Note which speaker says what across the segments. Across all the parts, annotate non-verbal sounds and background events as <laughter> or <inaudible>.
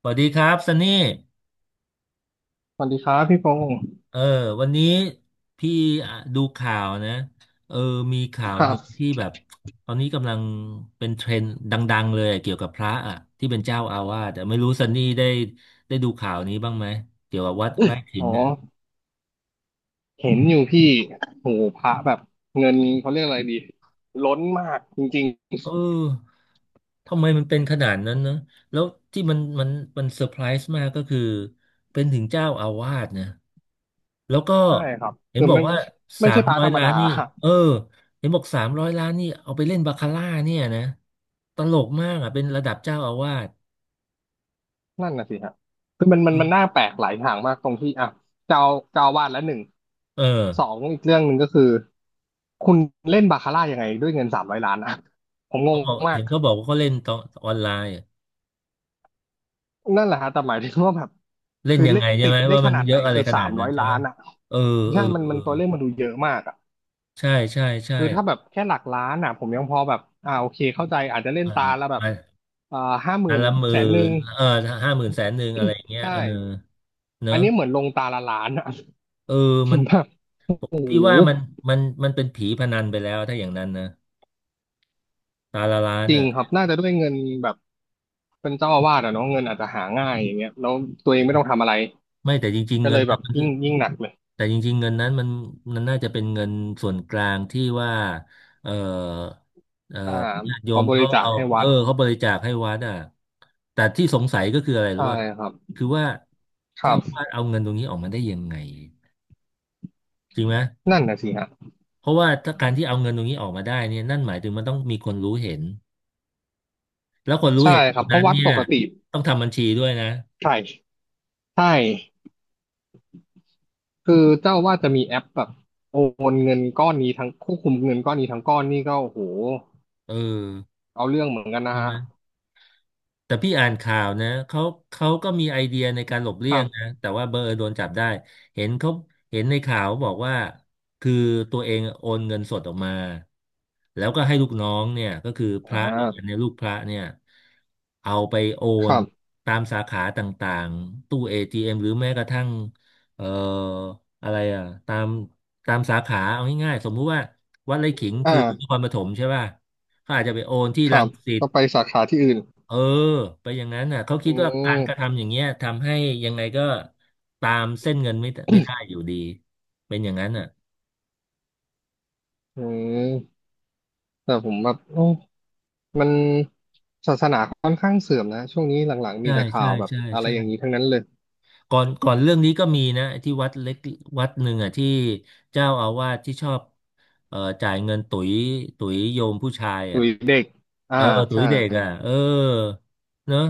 Speaker 1: สวัสดีครับซันนี่
Speaker 2: สวัสดีครับพี่พงศ์
Speaker 1: เออวันนี้พี่อ่ะดูข่าวนะเออมีข่าว
Speaker 2: ค
Speaker 1: ห
Speaker 2: รั
Speaker 1: นึ่
Speaker 2: บ
Speaker 1: งที่แบบตอนนี้กำลังเป็นเทรนด์ดังๆเลยอะเกี่ยวกับพระอ่ะที่เป็นเจ้าอาวาสแต่ไม่รู้ซันนี่ได้ดูข่าวนี้บ้างไหมเกี่ยวกับวัดไร่ขิ
Speaker 2: อ๋
Speaker 1: ง
Speaker 2: อ
Speaker 1: อ่ะ
Speaker 2: เห็นอยู่พี่โหพระแบบเงินเขาเรียกอะไรดีล้นมากจริง
Speaker 1: เออทำไมมันเป็นขนาดนั้นนะแล้วที่มันเซอร์ไพรส์มากก็คือเป็นถึงเจ้าอาวาสนะ แล้วก็
Speaker 2: ๆ ใช่ครับ
Speaker 1: เห็น
Speaker 2: คือ
Speaker 1: บอก
Speaker 2: ไม่
Speaker 1: ว่า
Speaker 2: ไม่
Speaker 1: สา
Speaker 2: ใช่
Speaker 1: ม
Speaker 2: พระ
Speaker 1: ร้อย
Speaker 2: ธรรม
Speaker 1: ล้าน
Speaker 2: ดา
Speaker 1: นี่เออเห็นบอกสามร้อยล้านนี่เอาไปเล่นบาคาร่าเนี่ยนะตลกมากอ่ะเป็นระดับเจ้าอาวาส
Speaker 2: นั่นน่ะสิฮะคือมันน่าแปลกหลายอย่างมากตรงที่อ่ะเจ้าเจ้าอาวาดละหนึ่ง
Speaker 1: เออ
Speaker 2: สองอีกเรื่องหนึ่งก็คือ คุณเล่นบาคาร่ายังไงด้วยเงินสามร้อยล้านอ่ะ ผมงงมา
Speaker 1: เห็
Speaker 2: ก
Speaker 1: นเขาบอกว่าเขาเล่นออนไลน์อะ
Speaker 2: นั่นแหละฮะแต่หมายถึงว่าแบบ
Speaker 1: เล่น
Speaker 2: คือ
Speaker 1: ยัง
Speaker 2: เล่
Speaker 1: ไง
Speaker 2: น
Speaker 1: ใช่
Speaker 2: ติ
Speaker 1: ไหม
Speaker 2: ดได้
Speaker 1: ว่า
Speaker 2: ข
Speaker 1: มัน
Speaker 2: นาด
Speaker 1: เย
Speaker 2: ไหน
Speaker 1: อะอะไร
Speaker 2: คือ
Speaker 1: ข
Speaker 2: สา
Speaker 1: นาด
Speaker 2: ม
Speaker 1: นั้
Speaker 2: ร้อ
Speaker 1: น
Speaker 2: ย
Speaker 1: ใช่
Speaker 2: ล้า
Speaker 1: ไหม
Speaker 2: นอ่ะ
Speaker 1: เออเออ
Speaker 2: ใช่มัน
Speaker 1: เอ
Speaker 2: มั
Speaker 1: อ
Speaker 2: นตัวเลขมันดูเยอะมากอ่ะ
Speaker 1: ใช่ใช่ใช่
Speaker 2: คือถ้าแบบแค่หลักล้านอ่ะผมยังพอแบบอ่าโอเคเข้าใจอาจจะเล่น
Speaker 1: อ่า
Speaker 2: ตาละแบบ
Speaker 1: มา
Speaker 2: อ่าห้าห
Speaker 1: อั
Speaker 2: มื่
Speaker 1: น
Speaker 2: น
Speaker 1: ละหมื่
Speaker 2: แสนหนึ่
Speaker 1: น
Speaker 2: ง
Speaker 1: 50,000 100,000อะไรอย่างเงี้ย
Speaker 2: ใช่
Speaker 1: เน
Speaker 2: อัน
Speaker 1: อะ
Speaker 2: นี้เหมือนลงตาละล้านอ่ะ
Speaker 1: เออ
Speaker 2: <laughs> ผ
Speaker 1: มัน
Speaker 2: มแบบโอ้โห
Speaker 1: พี่ว่ามันเป็นผีพนันไปแล้วถ้าอย่างนั้นนะตาละ 1 ล้าน
Speaker 2: จริง
Speaker 1: อ่ะ
Speaker 2: ครับน่าจะด้วยเงินแบบเป็นเจ้าอาวาสอ่ะเนาะเงินอาจจะหาง่ายอย่างเงี้ยแล้วตัวเองไม่ต้องทำอะไร
Speaker 1: ไม่แต่จริงๆ
Speaker 2: ก็
Speaker 1: เงิ
Speaker 2: เล
Speaker 1: น
Speaker 2: ยแบ
Speaker 1: นั้น
Speaker 2: บ
Speaker 1: มัน
Speaker 2: ยิ่
Speaker 1: คือ
Speaker 2: งยิ่งหนักเลย
Speaker 1: แต่จริงๆเงินนั้นมันน่าจะเป็นเงินส่วนกลางที่ว่าเออเออ
Speaker 2: อ่า
Speaker 1: ญาติโย
Speaker 2: เขา
Speaker 1: ม
Speaker 2: บริ
Speaker 1: เขา
Speaker 2: จาค
Speaker 1: เอา
Speaker 2: ให้วัด
Speaker 1: เขาบริจาคให้วัดอ่ะแต่ที่สงสัยก็คืออะไรรู้
Speaker 2: ใช่
Speaker 1: ว่า
Speaker 2: ครับ
Speaker 1: คือว่า
Speaker 2: ค
Speaker 1: เจ้า
Speaker 2: รั
Speaker 1: อา
Speaker 2: บ
Speaker 1: วาสเอาเงินตรงนี้ออกมาได้ยังไงจริงไหม
Speaker 2: นั่นนะสิฮะ
Speaker 1: เพราะว่าถ้าการที่เอาเงินตรงนี้ออกมาได้เนี่ยนั่นหมายถึงมันต้องมีคนรู้เห็นแล้วคนรู้
Speaker 2: ใช่
Speaker 1: เห็น
Speaker 2: ค
Speaker 1: ค
Speaker 2: รับ
Speaker 1: น
Speaker 2: เพ
Speaker 1: นั้
Speaker 2: ราะ
Speaker 1: น
Speaker 2: วัด
Speaker 1: เนี่
Speaker 2: ป
Speaker 1: ย
Speaker 2: กติ
Speaker 1: ต้องทำบัญชีด้วยนะ
Speaker 2: ใช่ใช่ คือเจ้าอาว่าสจะมีแอปแบบโอนเงินก้อนนี้ทั้งควบคุมเงินก้อนนี้ทั้งก้อนนี่ก็โอ้โห
Speaker 1: เออ
Speaker 2: เอาเรื่องเหมือนกันนะ
Speaker 1: ใช่ไห
Speaker 2: ฮะ
Speaker 1: ม แต่พี่อ่านข่าวนะเขาก็มีไอเดียในการหลบ
Speaker 2: ค
Speaker 1: เลี่ย
Speaker 2: รั
Speaker 1: งนะ
Speaker 2: บ
Speaker 1: แต่ว่าเบอร์โดนจับได้เห็นเขาเห็นในข่าวบอกว่าคือตัวเองโอนเงินสดออกมาแล้วก็ให้ลูกน้องเนี่ยก็คือพ
Speaker 2: อ่
Speaker 1: ระด้วยกันเนี่
Speaker 2: า
Speaker 1: ยลูกพระเนี่ยเอาไปโอ
Speaker 2: ค
Speaker 1: น
Speaker 2: รับ
Speaker 1: ตามสาขาต่างๆตู้ ATM หรือแม้กระทั่งเอ่ออะไรอ่ะตามสาขาเอาง่ายๆสมมุติว่าวัดไร่ขิงคือน
Speaker 2: อ่า
Speaker 1: ครปฐมใช่ป่ะเขาอาจจะไปโอนที่
Speaker 2: ค
Speaker 1: รั
Speaker 2: รั
Speaker 1: ง
Speaker 2: บ
Speaker 1: สิต
Speaker 2: ก็ไปสาขาที่อื่น
Speaker 1: เออไปอย่างนั้นน่ะเขาคิ
Speaker 2: อื
Speaker 1: ดว่าการ
Speaker 2: ม
Speaker 1: กระทำอย่างเงี้ยทำให้ยังไงก็ตามเส้นเงินไม่ได้อยู่ดีเป็นอย่างนั้นน่ะ
Speaker 2: อืมแต่ผมแบบโอ้มันศาสนาค่อนข้างเสื่อมนะช่วงนี้หลังๆมี
Speaker 1: ใช่
Speaker 2: แต่ข่า
Speaker 1: ใช่
Speaker 2: วแบบ
Speaker 1: ใช่
Speaker 2: อะไร
Speaker 1: ใช่
Speaker 2: อย่างนี้ทั้งนั้นเลย
Speaker 1: ก่อนเรื่องนี้ก็มีนะที่วัดเล็กวัดหนึ่งอ่ะที่เจ้าอาวาสที่ชอบจ่ายเงินตุ๋ยโยมผู้ชาย
Speaker 2: ตุ
Speaker 1: อ่ะ
Speaker 2: ยเด็ก
Speaker 1: เออ
Speaker 2: อ่า
Speaker 1: ตุ๋ย
Speaker 2: ใช่
Speaker 1: เด็กอ่ะเนอะ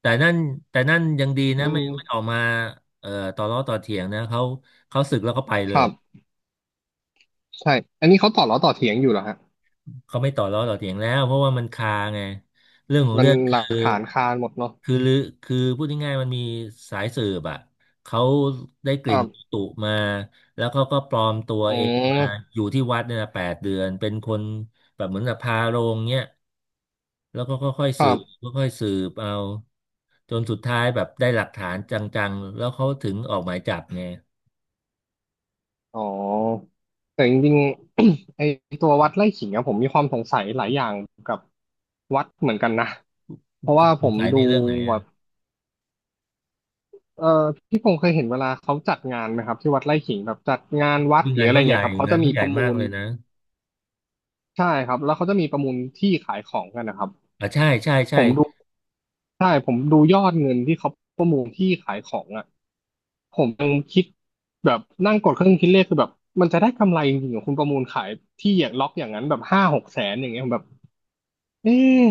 Speaker 1: แต่นั่นแต่นั่นยังดีนะ
Speaker 2: มัน
Speaker 1: ไม่ออกมาเอ่อต่อล้อต่อเถียงนะเขาสึกแล้วเขาไปเล
Speaker 2: ค
Speaker 1: ย
Speaker 2: รับใช่อันนี้เขาต่อล้อต่อเถียงอยู่เหรอฮะ
Speaker 1: เขาไม่ต่อล้อต่อเถียงแล้วเพราะว่ามันคาไงเรื่องของ
Speaker 2: มั
Speaker 1: เรื่
Speaker 2: น
Speaker 1: อง
Speaker 2: หลักฐานคานหมดเนาะ
Speaker 1: คือลือคือพูดง่ายๆมันมีสายสืบอ่ะเขาได้ก
Speaker 2: ค
Speaker 1: ลิ่
Speaker 2: รั
Speaker 1: น
Speaker 2: บ
Speaker 1: ตุมาแล้วเขาก็ปลอมตัว
Speaker 2: อื
Speaker 1: เองมา
Speaker 2: ม
Speaker 1: อยู่ที่วัดเนี่ยนะ8 เดือนเป็นคนแบบเหมือนกับพาโรงเนี่ยแล้วก็ค่อยๆ
Speaker 2: ค
Speaker 1: สื
Speaker 2: รั
Speaker 1: บ
Speaker 2: บ
Speaker 1: ค่อยๆสืบเอาจนสุดท้ายแบบได้หลักฐานจังๆแล้วเขาถึงออกหมายจับไง
Speaker 2: อ๋อแต่จริงๆ <clears throat> <coughs> ไอตัววัดไร่ขิงอะผมมีความสงสัยหลายอย่างกับวัดเหมือนกันนะเพราะว่า
Speaker 1: ส
Speaker 2: ผ
Speaker 1: ง
Speaker 2: ม
Speaker 1: สัยใน
Speaker 2: ดู
Speaker 1: เรื่องไหน
Speaker 2: แบ
Speaker 1: อ่ะ
Speaker 2: บเออพี่พงษ์เคยเห็นเวลาเขาจัดงานไหมครับที่วัดไร่ขิงแบบจัดงานวัดหรื
Speaker 1: งา
Speaker 2: อ
Speaker 1: น
Speaker 2: อะไร
Speaker 1: เขาใหญ่
Speaker 2: เงี้ยครับเขา
Speaker 1: งา
Speaker 2: จะ
Speaker 1: นเขา
Speaker 2: มี
Speaker 1: ใหญ่
Speaker 2: ประ
Speaker 1: มา
Speaker 2: มู
Speaker 1: ก
Speaker 2: ล
Speaker 1: เลยนะ
Speaker 2: ใช่ครับแล้วเขาจะมีประมูลที่ขายของกันนะครับ
Speaker 1: อ่ะใช่ใช่
Speaker 2: ผ
Speaker 1: ใช่
Speaker 2: มดูใช่ผมดูยอดเงินที่เขาประมูลที่ขายของอ่ะผมยังคิดแบบนั่งกดเครื่องคิดเลขคือแบบมันจะได้กำไรจริงๆเหรอคุณประมูลขายที่อย่างล็อกอย่างนั้นแบบห้าหกแสนอย่างเงี้ยผมแบบเอ๊ะ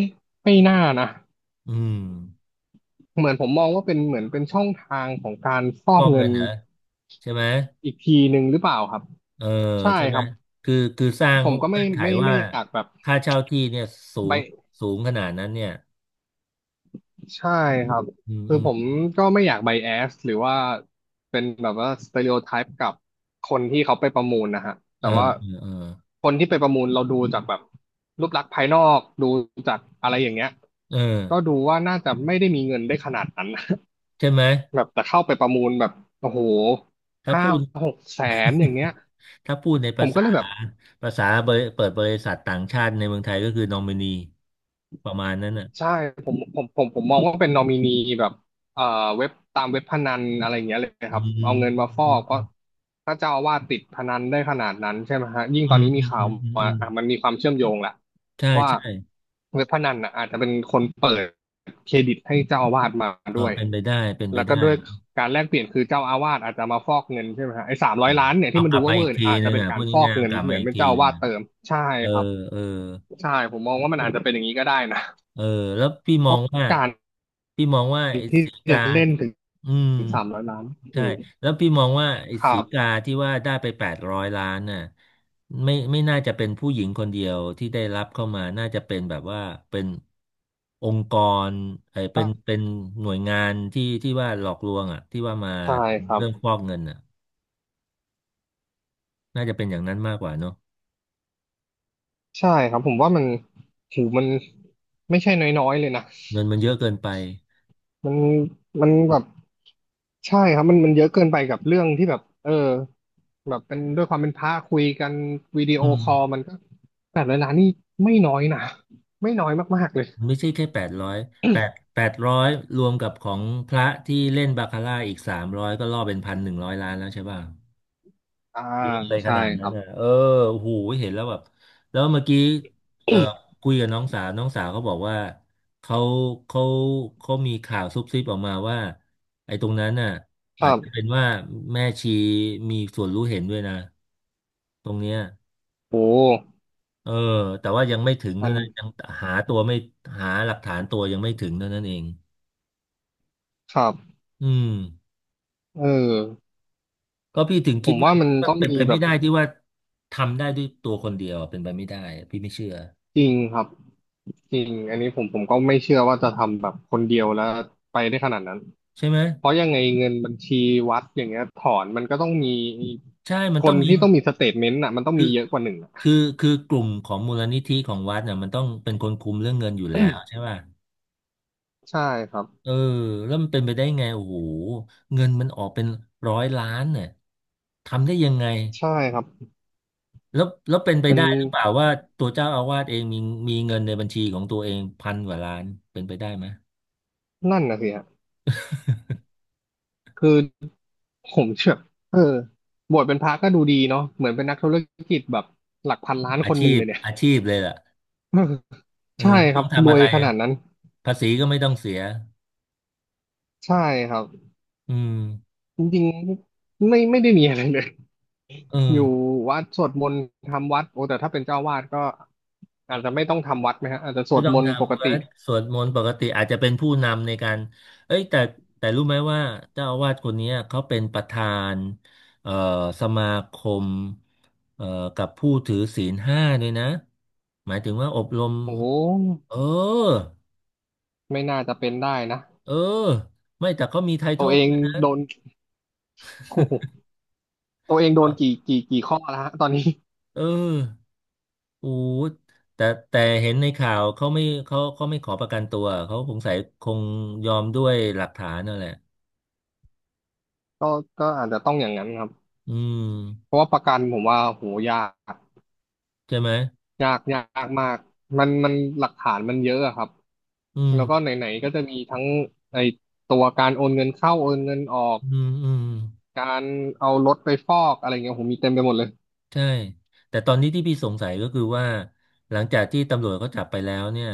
Speaker 2: ไม่น่านะ
Speaker 1: อืม
Speaker 2: เหมือนผมมองว่าเป็นเหมือนเป็นช่องทางของการฟ
Speaker 1: ฟ
Speaker 2: อก
Speaker 1: อก
Speaker 2: เงิ
Speaker 1: เงิ
Speaker 2: น
Speaker 1: นเหรอใช่ไหม
Speaker 2: อีกทีหนึ่งหรือเปล่าครับ
Speaker 1: เออ
Speaker 2: ใช่
Speaker 1: ใช่ไห
Speaker 2: ค
Speaker 1: ม
Speaker 2: รับ
Speaker 1: คือสร้าง
Speaker 2: ผมก็
Speaker 1: เงื่
Speaker 2: ไม่
Speaker 1: อนไข
Speaker 2: ไม่
Speaker 1: ว่า
Speaker 2: ไม่อยากแบบ
Speaker 1: ค่าเช่าที่เนี่ยสู
Speaker 2: ไป
Speaker 1: งสูงขนาดนั้นเนี่ย
Speaker 2: ใช่ครับ
Speaker 1: อืม
Speaker 2: คือ
Speaker 1: อืม
Speaker 2: ผมก็ไม่อยากไบแอสหรือว่าเป็นแบบว่าสเต r ร o t โอไทป์กับคนที่เขาไปประมูลนะฮะแต่
Speaker 1: เออ
Speaker 2: ว่า
Speaker 1: เออเออ
Speaker 2: คนที่ไปประมูลเราดูจากแบบรูปลักษณ์ภายนอกดูจากอะไรอย่างเงี้ย
Speaker 1: เออ
Speaker 2: ก็ดูว่าน่าจะไม่ได้มีเงินได้ขนาดนั้น
Speaker 1: ใช่ไหม
Speaker 2: <laughs> แบบแต่เข้าไปประมูลแบบโอ้โห
Speaker 1: ถ้า
Speaker 2: ห้า
Speaker 1: พูด
Speaker 2: หกแสนอย่างเงี้ย
Speaker 1: ถ้าพูดใน
Speaker 2: ผ
Speaker 1: ภา
Speaker 2: มก็
Speaker 1: ษา
Speaker 2: เลยแบบ
Speaker 1: เปิดบริษัทต่างชาติในเมืองไทยก็คือนอมินีประมาณนั้นน่ะ
Speaker 2: ใช่ผมมองว่าเป็นนอมินีแบบเอ่อเว็บตามเว็บพนันอะไรอย่างเงี้ยเลย
Speaker 1: อื
Speaker 2: ค
Speaker 1: ม
Speaker 2: รับ
Speaker 1: อื
Speaker 2: เอา
Speaker 1: ม
Speaker 2: เงินมาฟอ
Speaker 1: อืม
Speaker 2: กเพ
Speaker 1: อื
Speaker 2: ราะถ้าเจ้าอาวาสติดพนันได้ขนาดนั้นใช่ไหมฮะยิ่
Speaker 1: ม
Speaker 2: ง
Speaker 1: อื
Speaker 2: ตอน
Speaker 1: ม
Speaker 2: นี้
Speaker 1: อื
Speaker 2: มี
Speaker 1: ม
Speaker 2: ข่า
Speaker 1: อื
Speaker 2: ว
Speaker 1: มอื
Speaker 2: มา
Speaker 1: ม
Speaker 2: อ่ะมันมีความเชื่อมโยงละ
Speaker 1: ใช่
Speaker 2: ว่า
Speaker 1: ใช่
Speaker 2: เว็บพนันน่ะอาจจะเป็นคนเปิดเครดิตให้เจ้าอาวาสมาด้วย
Speaker 1: เป็นไปได้เป็นไป
Speaker 2: แล้วก็
Speaker 1: ได้
Speaker 2: ด้วยการแลกเปลี่ยนคือเจ้าอาวาสอาจจะมาฟอกเงินใช่ไหมฮะไอ้สาม
Speaker 1: เอ
Speaker 2: ร้อ
Speaker 1: อ
Speaker 2: ยล้านเนี่ย
Speaker 1: เอา
Speaker 2: ที่มัน
Speaker 1: กลั
Speaker 2: ดู
Speaker 1: บมา
Speaker 2: ว่าเว
Speaker 1: อี
Speaker 2: อ
Speaker 1: ก
Speaker 2: ร์เนี่
Speaker 1: ที
Speaker 2: ยอาจ
Speaker 1: นึ
Speaker 2: จะ
Speaker 1: ง
Speaker 2: เป็น
Speaker 1: อ่ะ
Speaker 2: กา
Speaker 1: พู
Speaker 2: ร
Speaker 1: ด
Speaker 2: ฟอก
Speaker 1: ง่ายๆเอา
Speaker 2: เงิน
Speaker 1: กลับ
Speaker 2: เห
Speaker 1: มา
Speaker 2: มือน
Speaker 1: อีก
Speaker 2: เป็น
Speaker 1: ที
Speaker 2: เจ้าอา
Speaker 1: นึ
Speaker 2: วาส
Speaker 1: ง
Speaker 2: เติมใช่
Speaker 1: เออ
Speaker 2: ครับ
Speaker 1: เออ
Speaker 2: ใช่ผมมองว่ามันอาจจะเป็นอย่างนี้ก็ได้นะ
Speaker 1: เออแล้วพี่ม
Speaker 2: เพ
Speaker 1: อง
Speaker 2: ราะ
Speaker 1: ว่า
Speaker 2: การ
Speaker 1: พี่มองว่าไอ้
Speaker 2: ที่
Speaker 1: สีกา
Speaker 2: จะเล่นถึง
Speaker 1: อืม
Speaker 2: สามร้อยล้าน
Speaker 1: ใช่
Speaker 2: คือ
Speaker 1: แล้วพี่มองว่าไอ้
Speaker 2: ครั
Speaker 1: สีกา
Speaker 2: บ
Speaker 1: ที่ว่าได้ไป800 ล้านน่ะไม่น่าจะเป็นผู้หญิงคนเดียวที่ได้รับเข้ามาน่าจะเป็นแบบว่าเป็นองค์กรเป็นหน่วยงานที่ว่าหลอกลวงอ่ะที่ว่ามา
Speaker 2: ใช่ค
Speaker 1: ทำ
Speaker 2: รับ
Speaker 1: เรื่องฟอกเงินอ่ะน่าจะเป็นอย่างนั้นมากกว่าเนอะ
Speaker 2: ใช่ครับผมว่ามันถือมันไม่ใช่น้อยๆเลยนะ
Speaker 1: เงินมันเยอะเกินไป
Speaker 2: มันมันแบบใช่ครับมันเยอะเกินไปกับเรื่องที่แบบเออแบบเป็นด้วยความเป็นพระคุยกันวิดีโอ
Speaker 1: อืม
Speaker 2: คอลมันก็800 ล้านนี่ไม่น้อยนะไม่น้อยมากๆเลย
Speaker 1: ไม่ใช่แค่แปดร้อยแปดแปดร้อยรวมกับของพระที่เล่นบาคาร่าอีกสามร้อยก็ล่อเป็น1,100 ล้านแล้วใช่ป่ะ
Speaker 2: อ่า
Speaker 1: เยอะเลยข
Speaker 2: ใช่
Speaker 1: นาด
Speaker 2: ค
Speaker 1: นั้น
Speaker 2: รับ
Speaker 1: น่ะโอ้โหเห็นแล้วแบบแล้วเมื่อกี้เออคุยกับน้องสาวเขาบอกว่าเขาเขาเขามีข่าวซุบซิบออกมาว่าไอ้ตรงนั้นน่ะ
Speaker 2: ค
Speaker 1: อา
Speaker 2: รั
Speaker 1: จจะเป็
Speaker 2: บ
Speaker 1: นว่าแม่ชีมีส่วนรู้เห็นด้วยนะตรงเนี้ย
Speaker 2: โอ้
Speaker 1: เออแต่ว่ายังไม่ถึง
Speaker 2: มั
Speaker 1: เท่า
Speaker 2: น
Speaker 1: นั้นยังหาตัวไม่หาหลักฐานตัวยังไม่ถึงเท่านั้นเอง
Speaker 2: ครับ
Speaker 1: อืม
Speaker 2: เออ
Speaker 1: ก็พี่ถึง
Speaker 2: ผ
Speaker 1: คิด
Speaker 2: ม
Speaker 1: ว่า
Speaker 2: ว่ามันต้อง
Speaker 1: เป็น
Speaker 2: มี
Speaker 1: ไป
Speaker 2: แบ
Speaker 1: ไม่
Speaker 2: บ
Speaker 1: ได้ที่ว่าทำได้ด้วยตัวคนเดียวเป็นไปไม่ได้พี่ไม่เชื่อ
Speaker 2: จริงครับจริงอันนี้ผมก็ไม่เชื่อว่าจะทำแบบคนเดียวแล้วไปได้ขนาดนั้น
Speaker 1: ใช่ไหม
Speaker 2: เพราะยังไงเงินบัญชีวัดอย่างเงี้ยถอนมันก็ต้องมี
Speaker 1: ใช่มัน
Speaker 2: ค
Speaker 1: ต้อ
Speaker 2: น
Speaker 1: งมี
Speaker 2: ที่ต้องมีสเตทเมนต์อ่ะมันต้อง
Speaker 1: คือ
Speaker 2: มีเยอะกว่าหนึ่งอะ
Speaker 1: คือคือกลุ่มของมูลนิธิของวัดเนี่ยมันต้องเป็นคนคุมเรื่องเงินอยู่แล้วใช่ป่ะ
Speaker 2: ใช่ครับ
Speaker 1: เออแล้วมันเป็นไปได้ไงโอ้โหเงินมันออกเป็นร้อยล้านเนี่ยทำได้ยังไง
Speaker 2: ใช่ครับ
Speaker 1: แล้วเป็นไป
Speaker 2: เป็น
Speaker 1: ได้หรือเปล่าว่าตัวเจ้าอาวาสเองมีเงินในบัญชีของตัวเองพันกว่าล้านเป็นไปได้ไหม
Speaker 2: นั่นนะสิฮะคือผมเชื่อเออบวชเป็นพระก็ดูดีเนาะเหมือนเป็นนักธุรกิจแบบหลักพันล้านคนหนึ่งเลยเนี่ย
Speaker 1: อาชีพเลยล่ะ
Speaker 2: <laughs>
Speaker 1: เออ
Speaker 2: ใช่
Speaker 1: ไม่
Speaker 2: ค
Speaker 1: ต้
Speaker 2: รั
Speaker 1: อ
Speaker 2: บ
Speaker 1: ง
Speaker 2: ร
Speaker 1: ทำอะ
Speaker 2: วย
Speaker 1: ไร
Speaker 2: ขนาดนั้น
Speaker 1: ภาษีก็ไม่ต้องเสีย
Speaker 2: ใช่ครับ
Speaker 1: อืม
Speaker 2: จริงๆไม่ไม่ได้มีอะไรเลย
Speaker 1: เออ
Speaker 2: อยู่วัดสวดมนต์ทำวัดโอ้แต่ถ้าเป็นเจ้าวาดก็อาจจะไม่ต้องทำวัดไหมฮะอาจจะส
Speaker 1: ไม่
Speaker 2: วด
Speaker 1: ต้อ
Speaker 2: ม
Speaker 1: ง
Speaker 2: นต์ปก
Speaker 1: ทำวั
Speaker 2: ติ
Speaker 1: ดสวดมนต์ปกติอาจจะเป็นผู้นำในการเอ้ยแต่รู้ไหมว่าเจ้าอาวาสคนเนี้ยเขาเป็นประธานเอ่อสมาคมเอ่อกับผู้ถือศีลห้าด้วยนะหมายถึงว่าอบรม
Speaker 2: โอ้
Speaker 1: เออ
Speaker 2: ไม่น่าจะเป็นได้นะ
Speaker 1: เออไม่แต่เขามีไทท
Speaker 2: ตั
Speaker 1: อ
Speaker 2: ว
Speaker 1: ล
Speaker 2: เอง
Speaker 1: ด้วย
Speaker 2: โดน <laughs> โอ้โหตัวเองโด
Speaker 1: เหร
Speaker 2: นกี่
Speaker 1: อ
Speaker 2: กี่กี่ข้อแล้วฮะตอนนี้
Speaker 1: เออโอ้แต่แต่เห็นในข่าวเขาไม่เขาเขาไม่ขอประกันตัวเขาสงสัยคงยอมด้วยหลักฐานนั่นแหละ
Speaker 2: <laughs> ก็ก็อาจจะต้องอย่างนั้นครับ
Speaker 1: อืม
Speaker 2: เพราะว่าประกันผมว่าโหยาก
Speaker 1: ใช่ไหม
Speaker 2: ยากมากมันหลักฐานมันเยอะอะครับ
Speaker 1: อืม
Speaker 2: แล้วก็ไหนๆก็จะมีทั้งไอตัวการโอนเงินเข้าโอนเงินออก
Speaker 1: อืมอืม
Speaker 2: การเอารถไปฟอกอะไรเงี้ยผมมีเต็มไปหมดเลย
Speaker 1: ใช่แต่ตอนนี้ที่พี่สงสัยก็คือว่าหลังจากที่ตำรวจเขาจับไปแล้วเนี่ย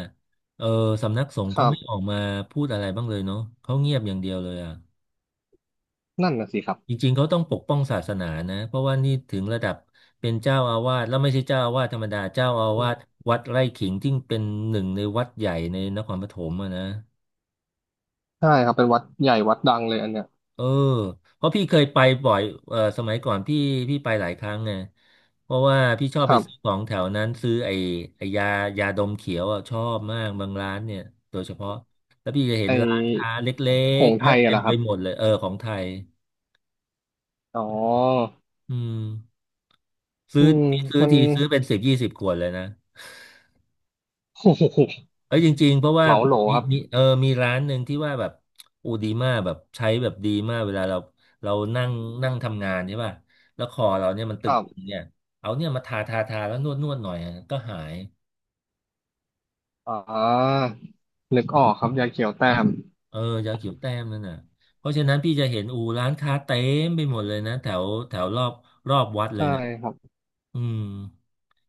Speaker 1: เออสำนักสงฆ์
Speaker 2: ค
Speaker 1: เขา
Speaker 2: รั
Speaker 1: ไม่ออ
Speaker 2: บ
Speaker 1: กมาพูดอะไรบ้างเลยเนาะเขาเงียบอย่างเดียวเลยอ่ะ
Speaker 2: นั่นน่ะสิครั
Speaker 1: จ
Speaker 2: บ
Speaker 1: ริงๆเขาต้องปกป้องศาสนานะเพราะว่านี่ถึงระดับเป็นเจ้าอาวาสแล้วไม่ใช่เจ้าอาวาสธรรมดาเจ้าอาวาสวัดไร่ขิงที่เป็นหนึ่งในวัดใหญ่ในนครปฐมอะนะ
Speaker 2: ใช่ครับเป็นวัดใหญ่วัดดังเลยอันเนี้ย
Speaker 1: เออเพราะพี่เคยไปบ่อยเออสมัยก่อนพี่ไปหลายครั้งไงเพราะว่าพี่ชอ
Speaker 2: ค
Speaker 1: บไป
Speaker 2: รั
Speaker 1: ซื้อข
Speaker 2: บ
Speaker 1: องแถวนั้นซื้อไอ้ยาดมเขียวอะชอบมากบางร้านเนี่ยโดยเฉพาะแล้วพี่จะเห็น
Speaker 2: ไอ
Speaker 1: ร้านค้าเล็
Speaker 2: ห
Speaker 1: ก
Speaker 2: ง
Speaker 1: ๆ
Speaker 2: ส์
Speaker 1: เย
Speaker 2: ไท
Speaker 1: อะ
Speaker 2: ย
Speaker 1: เต็
Speaker 2: อะเหร
Speaker 1: ม
Speaker 2: อค
Speaker 1: ไป
Speaker 2: รับ
Speaker 1: หมดเลยเออของไทย
Speaker 2: อ๋อ
Speaker 1: อืมซื้
Speaker 2: อื
Speaker 1: อ
Speaker 2: ม
Speaker 1: พี่ซื้อ
Speaker 2: มัน
Speaker 1: ทีซื้อเป็นสิบยี่สิบขวดเลยนะ
Speaker 2: <laughs> โอ้โห
Speaker 1: เอ้ยจริงๆเพราะว่า
Speaker 2: เหมาโหล
Speaker 1: มี
Speaker 2: ครับ
Speaker 1: มีเออมีร้านหนึ่งที่ว่าแบบอูดีมากแบบใช้แบบดีมากเวลาเรานั่งนั่งทำงานใช่ป่ะแล้วคอเราเนี่ยมันต
Speaker 2: ครั
Speaker 1: ึงๆ
Speaker 2: บ
Speaker 1: เนี่ยเอาเนี่ยมาทาแล้วนวดหน่อยอะก็หาย
Speaker 2: อ่านึกออกครับยาเขียวแต้ม
Speaker 1: เออยาเขียวแต้มนั่นน่ะเพราะฉะนั้นพี่จะเห็นอูร้านค้าเต็มไปหมดเลยนะแถวแถวรอบรอบวัดเล
Speaker 2: ใช่
Speaker 1: ยนะ
Speaker 2: ครับ
Speaker 1: อืม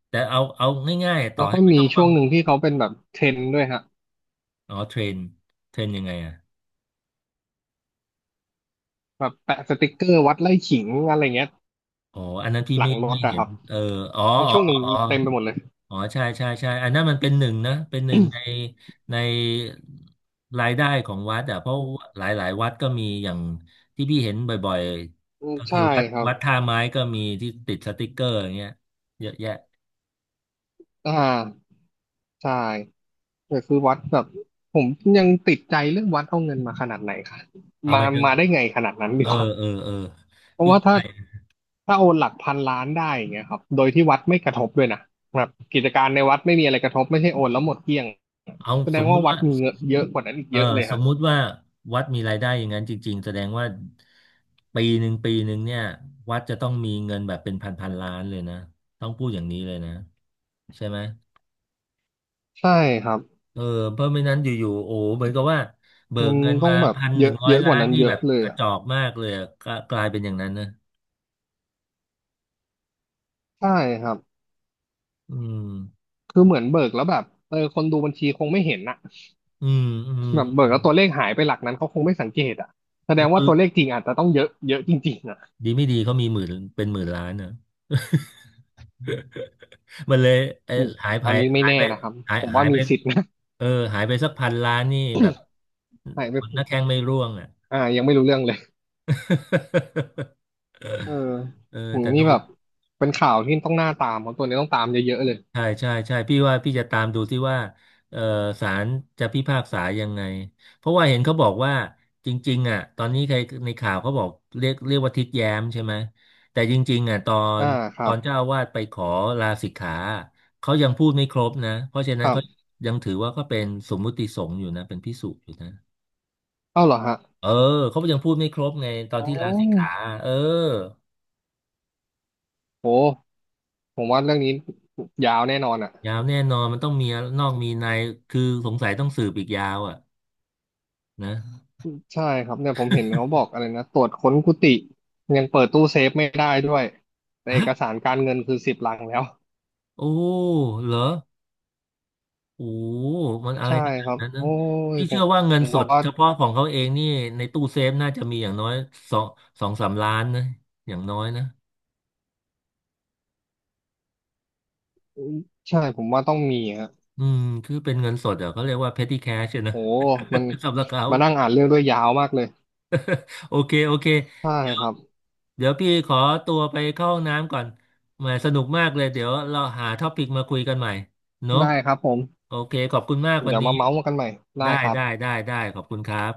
Speaker 1: แต่เอาง่ายๆต่อ
Speaker 2: แล้วก็
Speaker 1: ให้ไม่
Speaker 2: มี
Speaker 1: ต้อง
Speaker 2: ช่
Speaker 1: ฟั
Speaker 2: ว
Speaker 1: ง
Speaker 2: งหนึ่งที่เขาเป็นแบบเทรนด์ด้วยฮะ
Speaker 1: อ๋อเทรนยังไงอ่ะ
Speaker 2: แบบแปะสติกเกอร์วัดไล่ขิงอะไรเงี้ย
Speaker 1: อ๋ออันนั้นพี่
Speaker 2: หลังร
Speaker 1: ไม่
Speaker 2: ถอะ
Speaker 1: เห็
Speaker 2: ค
Speaker 1: น
Speaker 2: รับ
Speaker 1: เอออ๋อ
Speaker 2: มี
Speaker 1: อ๋อ
Speaker 2: ช่วงหนึ่ง
Speaker 1: อ๋อ
Speaker 2: เต็มไปหมดเลย
Speaker 1: อ๋อใช่ใช่ใช่อันนั้นมันเป็นหนึ่งนะเป็นหนึ่งในในรายได้ของวัดอ่ะเพราะหลายหลายวัดก็มีอย่างที่พี่เห็นบ่อย
Speaker 2: อื
Speaker 1: ๆ
Speaker 2: ม
Speaker 1: ก็คื
Speaker 2: ใช่
Speaker 1: อ
Speaker 2: ครับ
Speaker 1: วัดท่าไม้ก็มีที่ติดสติกเกอร์อย่างเงี้ยเยอะแยะ
Speaker 2: อ่าใช่ แต่คือวัดแบบผมยังติดใจเรื่องวัดเอาเงินมาขนาดไหนคะ
Speaker 1: เอา
Speaker 2: มา
Speaker 1: ไปจน
Speaker 2: มาได้ไงขนาดนั้นดี
Speaker 1: เออ
Speaker 2: กว่า
Speaker 1: เออ
Speaker 2: เพราะ
Speaker 1: พี่
Speaker 2: ว่า
Speaker 1: ก็
Speaker 2: ถ้า
Speaker 1: ไป
Speaker 2: ถ้าโอนหลักพันล้านได้อย่างเงี้ยครับโดยที่วัดไม่กระทบด้วยนะแบบกิจการในวัดไม่มีอะไรกระทบไม่ใช่โอนแล้วหมดเกลี้ยง
Speaker 1: เอา
Speaker 2: แสด
Speaker 1: ส
Speaker 2: ง
Speaker 1: มมุ
Speaker 2: ว่า
Speaker 1: ติ
Speaker 2: วัด
Speaker 1: ว่า
Speaker 2: มีเงินเยอะกว่านั้นอีก
Speaker 1: เออ
Speaker 2: เยอะเลย
Speaker 1: สม
Speaker 2: ฮะ
Speaker 1: มุติว่าวัดมีรายได้อย่างนั้นจริงๆแสดงว่าปีหนึ่งเนี่ยวัดจะต้องมีเงินแบบเป็นพันพันล้านเลยนะต้องพูดอย่างนี้เลยนะใช่ไหม
Speaker 2: ใช่ครับ
Speaker 1: เออเพราะไม่นั้นอยู่ๆโอ้เหมือนกับว่าเบิ
Speaker 2: มั
Speaker 1: ก
Speaker 2: น
Speaker 1: เงิน
Speaker 2: ต้อ
Speaker 1: มา
Speaker 2: งแบบ
Speaker 1: พันห
Speaker 2: เย
Speaker 1: นึ่
Speaker 2: อะ
Speaker 1: งร้อ
Speaker 2: เย
Speaker 1: ย
Speaker 2: อะก
Speaker 1: ล้า
Speaker 2: ว่า
Speaker 1: น
Speaker 2: นั้น
Speaker 1: นี่
Speaker 2: เย
Speaker 1: แบ
Speaker 2: อะ
Speaker 1: บ
Speaker 2: เลย
Speaker 1: กระ
Speaker 2: อ่ะ
Speaker 1: จอกมากเลยอะกลายเป็นอย่างนั้นนะ
Speaker 2: ใช่ครับ
Speaker 1: อืม
Speaker 2: คือเหมือนเบิกแล้วแบบเออคนดูบัญชีคงไม่เห็นน่ะ
Speaker 1: อืมอืม
Speaker 2: แบบเบิ
Speaker 1: อื
Speaker 2: ก
Speaker 1: ม
Speaker 2: แล้วตัวเลขหายไปหลักนั้นเขาคงไม่สังเกตอ่ะแสดงว่า
Speaker 1: คือ
Speaker 2: ตัวเลขจริงอาจจะต้องเยอะเยอะจริงๆอ่ะ
Speaker 1: ดีไม่ดีเขามีหมื่นเป็นหมื่นล้านนะ <laughs> มันเลยเออ
Speaker 2: อืม
Speaker 1: หายไป
Speaker 2: อันนี้ไม่
Speaker 1: หาย
Speaker 2: แน่
Speaker 1: ไป
Speaker 2: นะครับผม
Speaker 1: หา
Speaker 2: ว่า
Speaker 1: ย
Speaker 2: มี
Speaker 1: ไป
Speaker 2: สิทธิ์นะ
Speaker 1: เออหายไปสักพันล้านนี่แบบ
Speaker 2: <laughs> ใช่
Speaker 1: ค
Speaker 2: ไม่
Speaker 1: นหน้าแข้งไม่ร่วงอ่ะ
Speaker 2: อ่ายังไม่รู้เรื่องเลย
Speaker 1: <laughs>
Speaker 2: เออ
Speaker 1: เออ
Speaker 2: อืม
Speaker 1: แต่
Speaker 2: นี่
Speaker 1: ดู
Speaker 2: แบบเป็นข่าวที่ต้องหน้าตามของตัวนี้ต้องตามเยอะๆเลย
Speaker 1: ใช่ใช่ใช่พี่ว่าพี่จะตามดูที่ว่าเออศาลจะพิพากษายังไงเพราะว่าเห็นเขาบอกว่าจริงๆอ่ะตอนนี้ใครในข่าวเขาบอกเรียกว่าทิดแย้มใช่ไหมแต่จริงๆอ่ะน
Speaker 2: อ่าค
Speaker 1: ต
Speaker 2: รั
Speaker 1: อ
Speaker 2: บ
Speaker 1: นเจ้าอาวาสไปขอลาสิกขาเขายังพูดไม่ครบนะเพราะฉะนั้
Speaker 2: ค
Speaker 1: น
Speaker 2: รับ
Speaker 1: เขายังถือว่าก็เป็นสมมุติสงฆ์อยู่นะเป็นภิกษุอยู่นะ
Speaker 2: เอ้าเหรอฮะ
Speaker 1: เออเขายังพูดไม่ครบไงตอน
Speaker 2: อ๋อ
Speaker 1: ที่ลาสิกขาเออ
Speaker 2: โหผมว่าเรื่องนี้ยาวแน่นอนอ่ะ
Speaker 1: ยาวแน่นอนมันต้องมีนอกมีในคือสงสัยต้องสืบอีกยาวอ่ะนะ
Speaker 2: ใช่ครับเนี่ยผมเห็นเขาบอกอะไรนะตรวจค้นกุฏิยังเปิดตู้เซฟไม่ได้ด้วยแต่เอกสา
Speaker 1: <gasps>
Speaker 2: รการเงินคือสิบลังแล้ว
Speaker 1: โอ้เหรอ โอ้มันอะไร
Speaker 2: ใช่
Speaker 1: ขนา
Speaker 2: ค
Speaker 1: ด
Speaker 2: รับ
Speaker 1: นั้นนะ
Speaker 2: โอ้ย
Speaker 1: พี่เชื่อว่าเงินสด
Speaker 2: ว่า
Speaker 1: เฉพาะของเขาเองนี่ในตู้เซฟน่าจะมีอย่างน้อยสองสองสามล้านนะ อย่างน้อยนะ
Speaker 2: ผมว่าต้องมีฮะ
Speaker 1: อืม คือเป็นเงินสดอ่ะเขาเรียกว่า petty cash อะนะ
Speaker 2: โหมัน
Speaker 1: <laughs> สำหรับเขา
Speaker 2: มานั่งอ่านเรื่องด้วยยาวมากเลย
Speaker 1: โอเค
Speaker 2: ใช่
Speaker 1: เดี๋ย
Speaker 2: ค
Speaker 1: ว
Speaker 2: รับ
Speaker 1: พี่ขอตัวไปเข้าห้องน้ำก่อนแหมสนุกมากเลย เดี๋ยวเราหาท็อปิกมาคุยกันใหม่เนอะ
Speaker 2: ได้ครับผม
Speaker 1: โอเค ขอบคุณมากวั
Speaker 2: เดี๋
Speaker 1: น
Speaker 2: ยว
Speaker 1: นี้
Speaker 2: มาเมาส์กันใหม่ได้ครับ
Speaker 1: ได้ขอบคุณครับ